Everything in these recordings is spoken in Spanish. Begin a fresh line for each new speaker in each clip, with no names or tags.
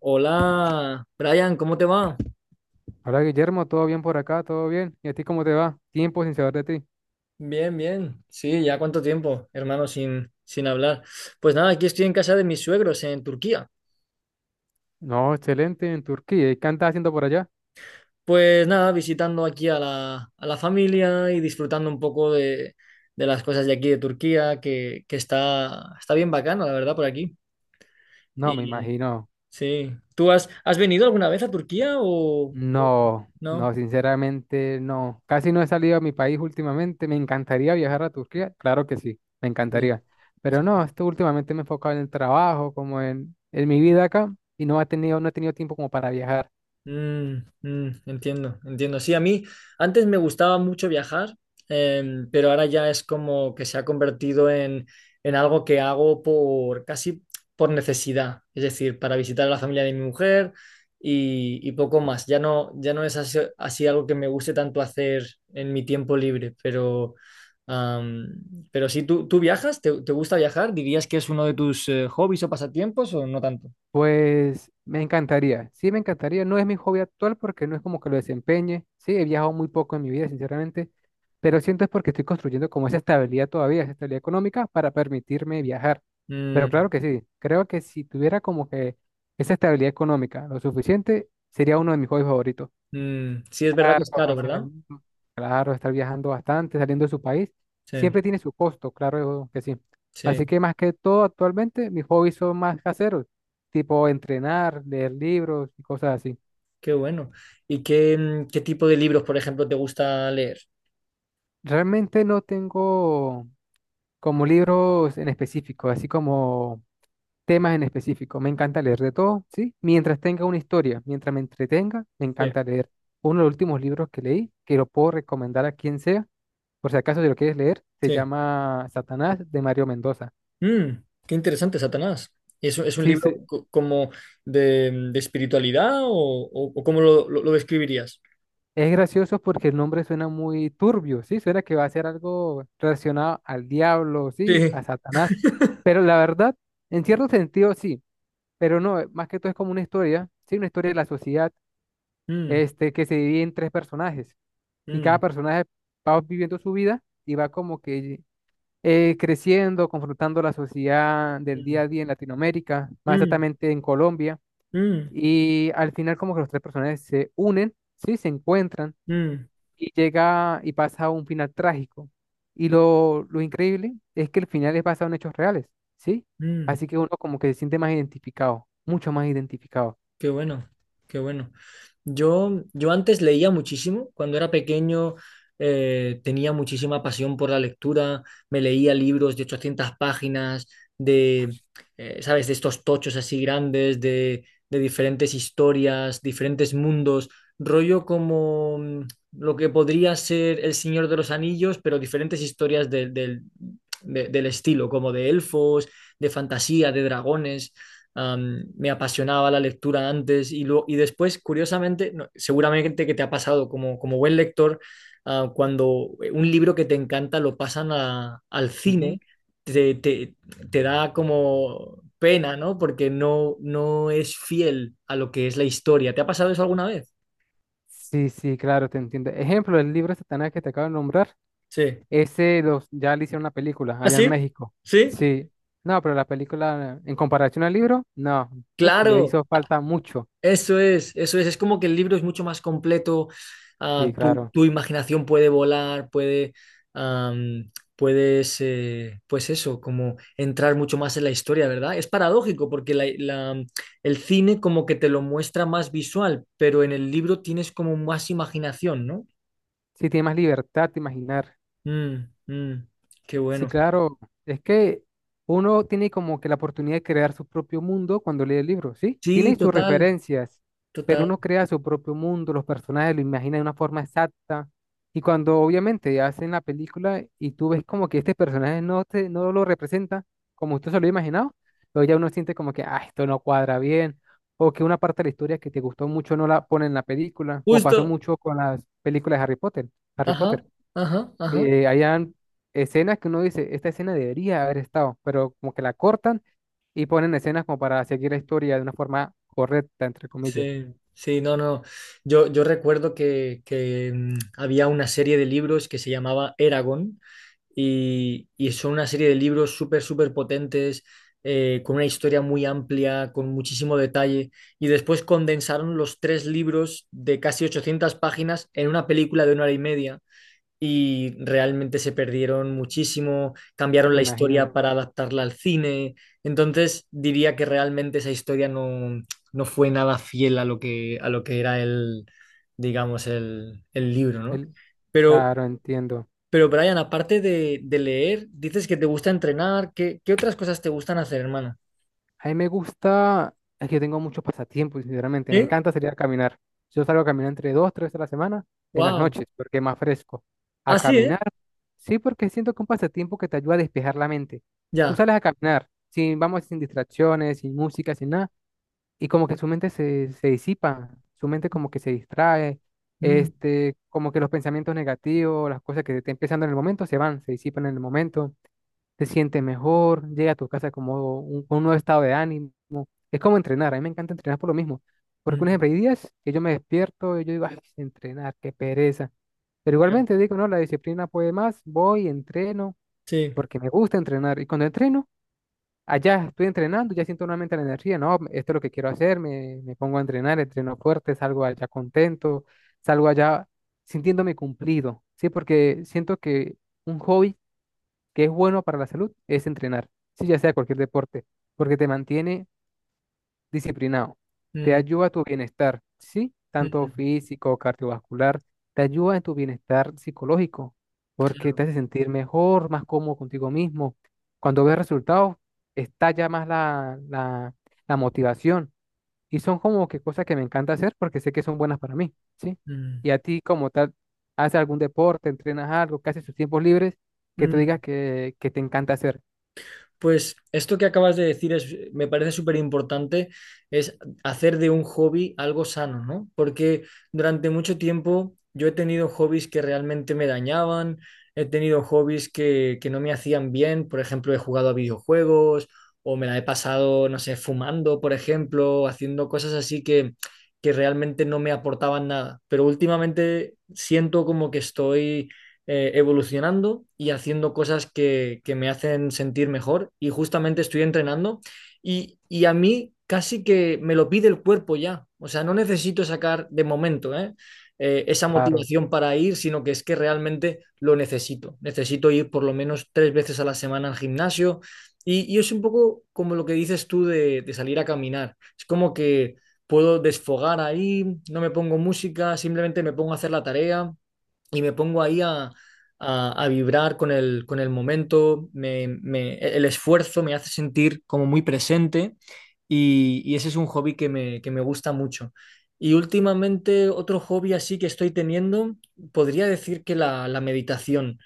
Hola, Brian, ¿cómo te va?
Hola Guillermo, ¿todo bien por acá? ¿Todo bien? ¿Y a ti cómo te va? Tiempo sin saber de ti.
Bien, bien. Sí, ya cuánto tiempo, hermano, sin hablar. Pues nada, aquí estoy en casa de mis suegros en Turquía.
No, excelente, en Turquía. ¿Y qué andas haciendo por allá?
Pues nada, visitando aquí a la familia y disfrutando un poco de las cosas de aquí de Turquía, que está bien bacano, la verdad, por aquí.
No, me
Y
imagino.
sí, ¿tú has venido alguna vez a Turquía o
No,
no?
no, sinceramente no. Casi no he salido a mi país últimamente. Me encantaría viajar a Turquía. Claro que sí, me
Sí.
encantaría. Pero no, esto últimamente me he enfocado en el trabajo, como en mi vida acá, y no he tenido tiempo como para viajar.
Mm, Entiendo, entiendo. Sí, a mí antes me gustaba mucho viajar, pero ahora ya es como que se ha convertido en algo que hago por casi por necesidad, es decir, para visitar a la familia de mi mujer y poco más. Ya no, ya no es así algo que me guste tanto hacer en mi tiempo libre, am, pero sí, ¿tú viajas? ¿Te gusta viajar? ¿Dirías que es uno de tus hobbies o pasatiempos o no tanto?
Pues me encantaría, sí me encantaría, no es mi hobby actual porque no es como que lo desempeñe, sí, he viajado muy poco en mi vida, sinceramente, pero siento es porque estoy construyendo como esa estabilidad todavía, esa estabilidad económica para permitirme viajar. Pero
Mm,
claro que sí, creo que si tuviera como que esa estabilidad económica lo suficiente, sería uno de mis hobbies favoritos
mm, sí, es verdad que
viajar,
es caro,
conocer el
¿verdad?
mundo, claro, estar viajando bastante, saliendo de su país,
Sí,
siempre tiene su costo, claro que sí. Así
sí,
que más que todo, actualmente mis hobbies son más caseros, tipo entrenar, leer libros y cosas así.
qué bueno. ¿Y qué tipo de libros, por ejemplo, te gusta leer?
Realmente no tengo como libros en específico, así como temas en específico. Me encanta leer de todo, ¿sí? Mientras tenga una historia, mientras me entretenga, me
Sí,
encanta leer. Uno de los últimos libros que leí, que lo puedo recomendar a quien sea. Por si acaso, si lo quieres leer, se
sí.
llama Satanás de Mario Mendoza.
Qué interesante, Satanás. ¿Es un
Sí,
libro como de espiritualidad o cómo lo describirías?
es gracioso porque el nombre suena muy turbio, sí, suena que va a ser algo relacionado al diablo, sí,
Sí.
a Satanás. Pero la verdad, en cierto sentido, sí, pero no, más que todo es como una historia, sí, una historia de la sociedad,
Mm,
este, que se divide en tres personajes, y cada
mm,
personaje va viviendo su vida y va como que creciendo, confrontando la sociedad del día
mm,
a día en Latinoamérica, más
mm,
exactamente en Colombia.
mm,
Y al final como que los tres personajes se unen, ¿sí? Se encuentran
mm,
y llega y pasa a un final trágico. Y lo increíble es que el final es basado en hechos reales, ¿sí?
mm.
Así que uno como que se siente más identificado, mucho más identificado.
Qué bueno, qué bueno. Yo antes leía muchísimo. Cuando era pequeño tenía muchísima pasión por la lectura. Me leía libros de 800 páginas, de, ¿sabes? De estos tochos así grandes, de diferentes historias, diferentes mundos. Rollo como lo que podría ser El Señor de los Anillos, pero diferentes historias del estilo, como de elfos, de fantasía, de dragones. Me apasionaba la lectura antes y después, curiosamente, seguramente que te ha pasado como buen lector, cuando un libro que te encanta lo pasan al
Ujú.
cine, te, te- te da como pena, ¿no? Porque no es fiel a lo que es la historia. ¿Te ha pasado eso alguna vez?
Sí, sí, claro, te entiendo. Ejemplo, el libro de Satanás que te acabo de nombrar,
Sí.
ese ya le hicieron una película
¿Ah,
allá en
sí?
México.
¿Sí?
Sí, no, pero la película en comparación al libro, no, uf, le
Claro.
hizo falta mucho.
Eso es, eso es. Es como que el libro es mucho más completo.
Sí,
Tu,
claro.
tu imaginación puede volar, am, puedes, pues eso, como entrar mucho más en la historia, ¿verdad? Es paradójico porque el cine como que te lo muestra más visual, pero en el libro tienes como más imaginación, ¿no?
Sí, tiene más libertad de imaginar.
Mm, mm, Qué
Sí,
bueno.
claro. Es que uno tiene como que la oportunidad de crear su propio mundo cuando lee el libro, ¿sí?
Sí,
Tiene sus
total,
referencias, pero
total.
uno crea su propio mundo, los personajes lo imagina de una forma exacta. Y cuando obviamente hacen la película y tú ves como que este personaje no, no lo representa como usted se lo ha imaginado, luego ya uno siente como que, ah, esto no cuadra bien, o que una parte de la historia que te gustó mucho no la pone en la película, como pasó
Justo.
mucho con las películas de Harry Potter. Harry
Ajá,
Potter,
ajá, ajá.
hayan escenas que uno dice, esta escena debería haber estado, pero como que la cortan y ponen escenas como para seguir la historia de una forma correcta, entre comillas.
Sí, sí, no, no. Yo recuerdo que había una serie de libros que se llamaba Eragon y son una serie de libros súper, súper potentes, con una historia muy amplia, con muchísimo detalle. Y después condensaron los tres libros de casi 800 páginas en una película de una hora y media y realmente se perdieron muchísimo,
Y
cambiaron
me
la
imagino,
historia para adaptarla al cine, entonces diría que realmente esa historia no fue nada fiel a lo que era digamos, el libro, ¿no?
él,
Pero,
claro, entiendo.
pero Brian, aparte de leer, dices que te gusta entrenar, ¿qué otras cosas te gustan hacer, hermano?
A mí me gusta, es que tengo muchos pasatiempos, sinceramente, me
¿Sí?
encanta salir a caminar. Yo salgo a caminar entre dos, tres veces a la semana, en las
Wow.
noches, porque es más fresco. A
Ah, sí,
caminar,
¿eh?
sí, porque siento que es un pasatiempo que te ayuda a despejar la mente. Tú
Ya.
sales a caminar, sin, vamos, sin distracciones, sin música, sin nada, y como que su mente se disipa, su mente como que se distrae,
Mm,
este, como que los pensamientos negativos, las cosas que estén pensando en el momento se van, se disipan en el momento, te sientes mejor, llega a tu casa con un nuevo estado de ánimo. Es como entrenar, a mí me encanta entrenar por lo mismo, porque un
mm,
ejemplo, hay días que yo me despierto y yo digo, ay, entrenar, qué pereza. Pero
ya.
igualmente digo, no, la disciplina puede más, voy, entreno,
Sí.
porque me gusta entrenar. Y cuando entreno, allá estoy entrenando, ya siento nuevamente la energía, no, esto es lo que quiero hacer, me pongo a entrenar, entreno fuerte, salgo allá contento, salgo allá sintiéndome cumplido, ¿sí? Porque siento que un hobby que es bueno para la salud es entrenar, sí, ya sea cualquier deporte, porque te mantiene disciplinado. Te
Mm,
ayuda a tu bienestar, ¿sí?
mm,
Tanto
mm,
físico, cardiovascular, te ayuda en tu bienestar psicológico, porque te
claro.
hace sentir mejor, más cómodo contigo mismo. Cuando ves resultados, estalla más la motivación. Y son como que cosas que me encanta hacer porque sé que son buenas para mí, ¿sí?
Mm,
Y a ti como tal, ¿haces algún deporte, entrenas algo, que haces tus tiempos libres, que, tú
mm.
digas que te encanta hacer?
Pues esto que acabas de decir me parece súper importante, es hacer de un hobby algo sano, ¿no? Porque durante mucho tiempo yo he tenido hobbies que realmente me dañaban, he tenido hobbies que no me hacían bien, por ejemplo, he jugado a videojuegos o me la he pasado, no sé, fumando, por ejemplo, haciendo cosas así que realmente no me aportaban nada. Pero últimamente siento como que estoy evolucionando y haciendo cosas que me hacen sentir mejor y justamente estoy entrenando y a mí casi que me lo pide el cuerpo ya, o sea, no necesito sacar de momento, ¿eh? Esa
Claro,
motivación para ir, sino que es que realmente lo necesito, necesito ir por lo menos tres veces a la semana al gimnasio y es un poco como lo que dices tú de salir a caminar, es como que puedo desfogar ahí, no me pongo música, simplemente me pongo a hacer la tarea y me pongo ahí a vibrar con el momento, el esfuerzo me hace sentir como muy presente y ese es un hobby que me gusta mucho. Y últimamente otro hobby así que estoy teniendo, podría decir que la meditación.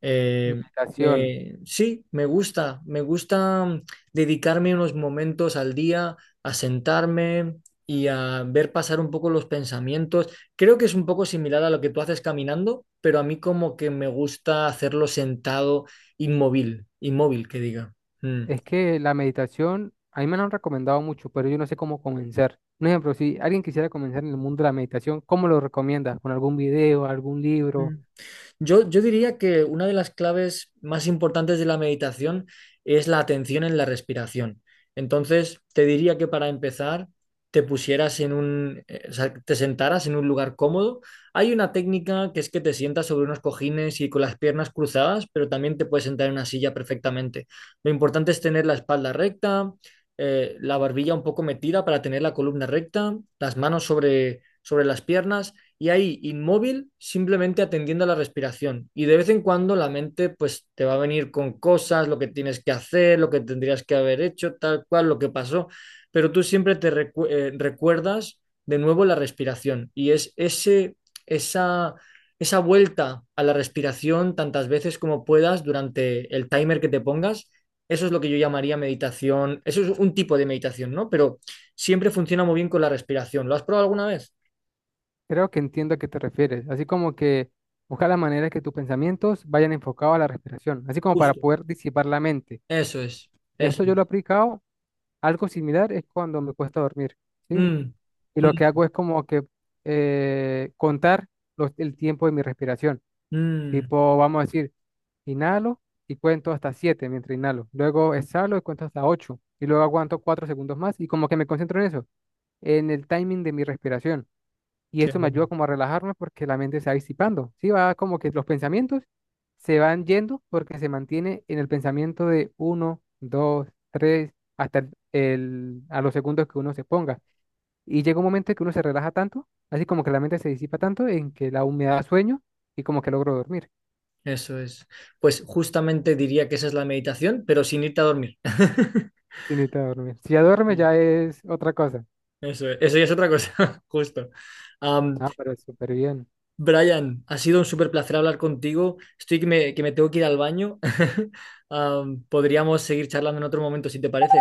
Eh,
meditación.
sí, me gusta dedicarme unos momentos al día a sentarme y a ver pasar un poco los pensamientos. Creo que es un poco similar a lo que tú haces caminando, pero a mí como que me gusta hacerlo sentado, inmóvil, inmóvil, que diga. Mm.
Es que la meditación, a mí me la han recomendado mucho, pero yo no sé cómo comenzar. Un ejemplo, si alguien quisiera comenzar en el mundo de la meditación, ¿cómo lo recomiendas? ¿Con algún video, algún
Mm.
libro?
Yo diría que una de las claves más importantes de la meditación es la atención en la respiración. Entonces, te diría que para empezar, te pusieras o sea, te sentaras en un lugar cómodo. Hay una técnica que es que te sientas sobre unos cojines y con las piernas cruzadas, pero también te puedes sentar en una silla perfectamente. Lo importante es tener la espalda recta, la barbilla un poco metida para tener la columna recta, las manos sobre las piernas y ahí inmóvil, simplemente atendiendo a la respiración. Y de vez en cuando la mente pues te va a venir con cosas, lo que tienes que hacer, lo que tendrías que haber hecho, tal cual, lo que pasó, pero tú siempre te recuerdas de nuevo la respiración y es esa, esa vuelta a la respiración tantas veces como puedas durante el timer que te pongas. Eso es lo que yo llamaría meditación. Eso es un tipo de meditación, ¿no? Pero siempre funciona muy bien con la respiración. ¿Lo has probado alguna vez?
Creo que entiendo a qué te refieres. Así como que buscar la manera que tus pensamientos vayan enfocados a la respiración, así como para
Justo.
poder disipar la mente.
Eso es, eso
Eso yo lo he
es.
aplicado. Algo similar es cuando me cuesta dormir, ¿sí?
Mm,
Y lo que
mm,
hago es como que contar el tiempo de mi respiración.
mm,
Tipo, vamos a decir, inhalo y cuento hasta 7 mientras inhalo. Luego exhalo y cuento hasta ocho, y luego aguanto 4 segundos más y como que me concentro en eso, en el timing de mi respiración. Y
Qué
esto me ayuda
bueno.
como a relajarme porque la mente se va disipando. Sí, va como que los pensamientos se van yendo porque se mantiene en el pensamiento de uno, 2, 3 hasta a los segundos que uno se ponga. Y llega un momento en que uno se relaja tanto, así como que la mente se disipa tanto en que la humedad da sueño y como que logro dormir.
Eso es. Pues justamente diría que esa es la meditación, pero sin irte a dormir.
Sí, necesita dormir. Si ya duerme, ya es otra cosa.
Eso es, eso ya es otra cosa, justo. Am,
Ah, pero súper bien.
Brian, ha sido un súper placer hablar contigo. Estoy que me tengo que ir al baño. Podríamos seguir charlando en otro momento, si te parece.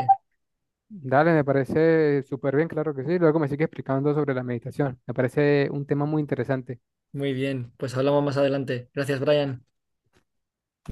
Dale, me parece súper bien, claro que sí. Luego me sigue explicando sobre la meditación. Me parece un tema muy interesante.
Muy bien, pues hablamos más adelante. Gracias, Brian.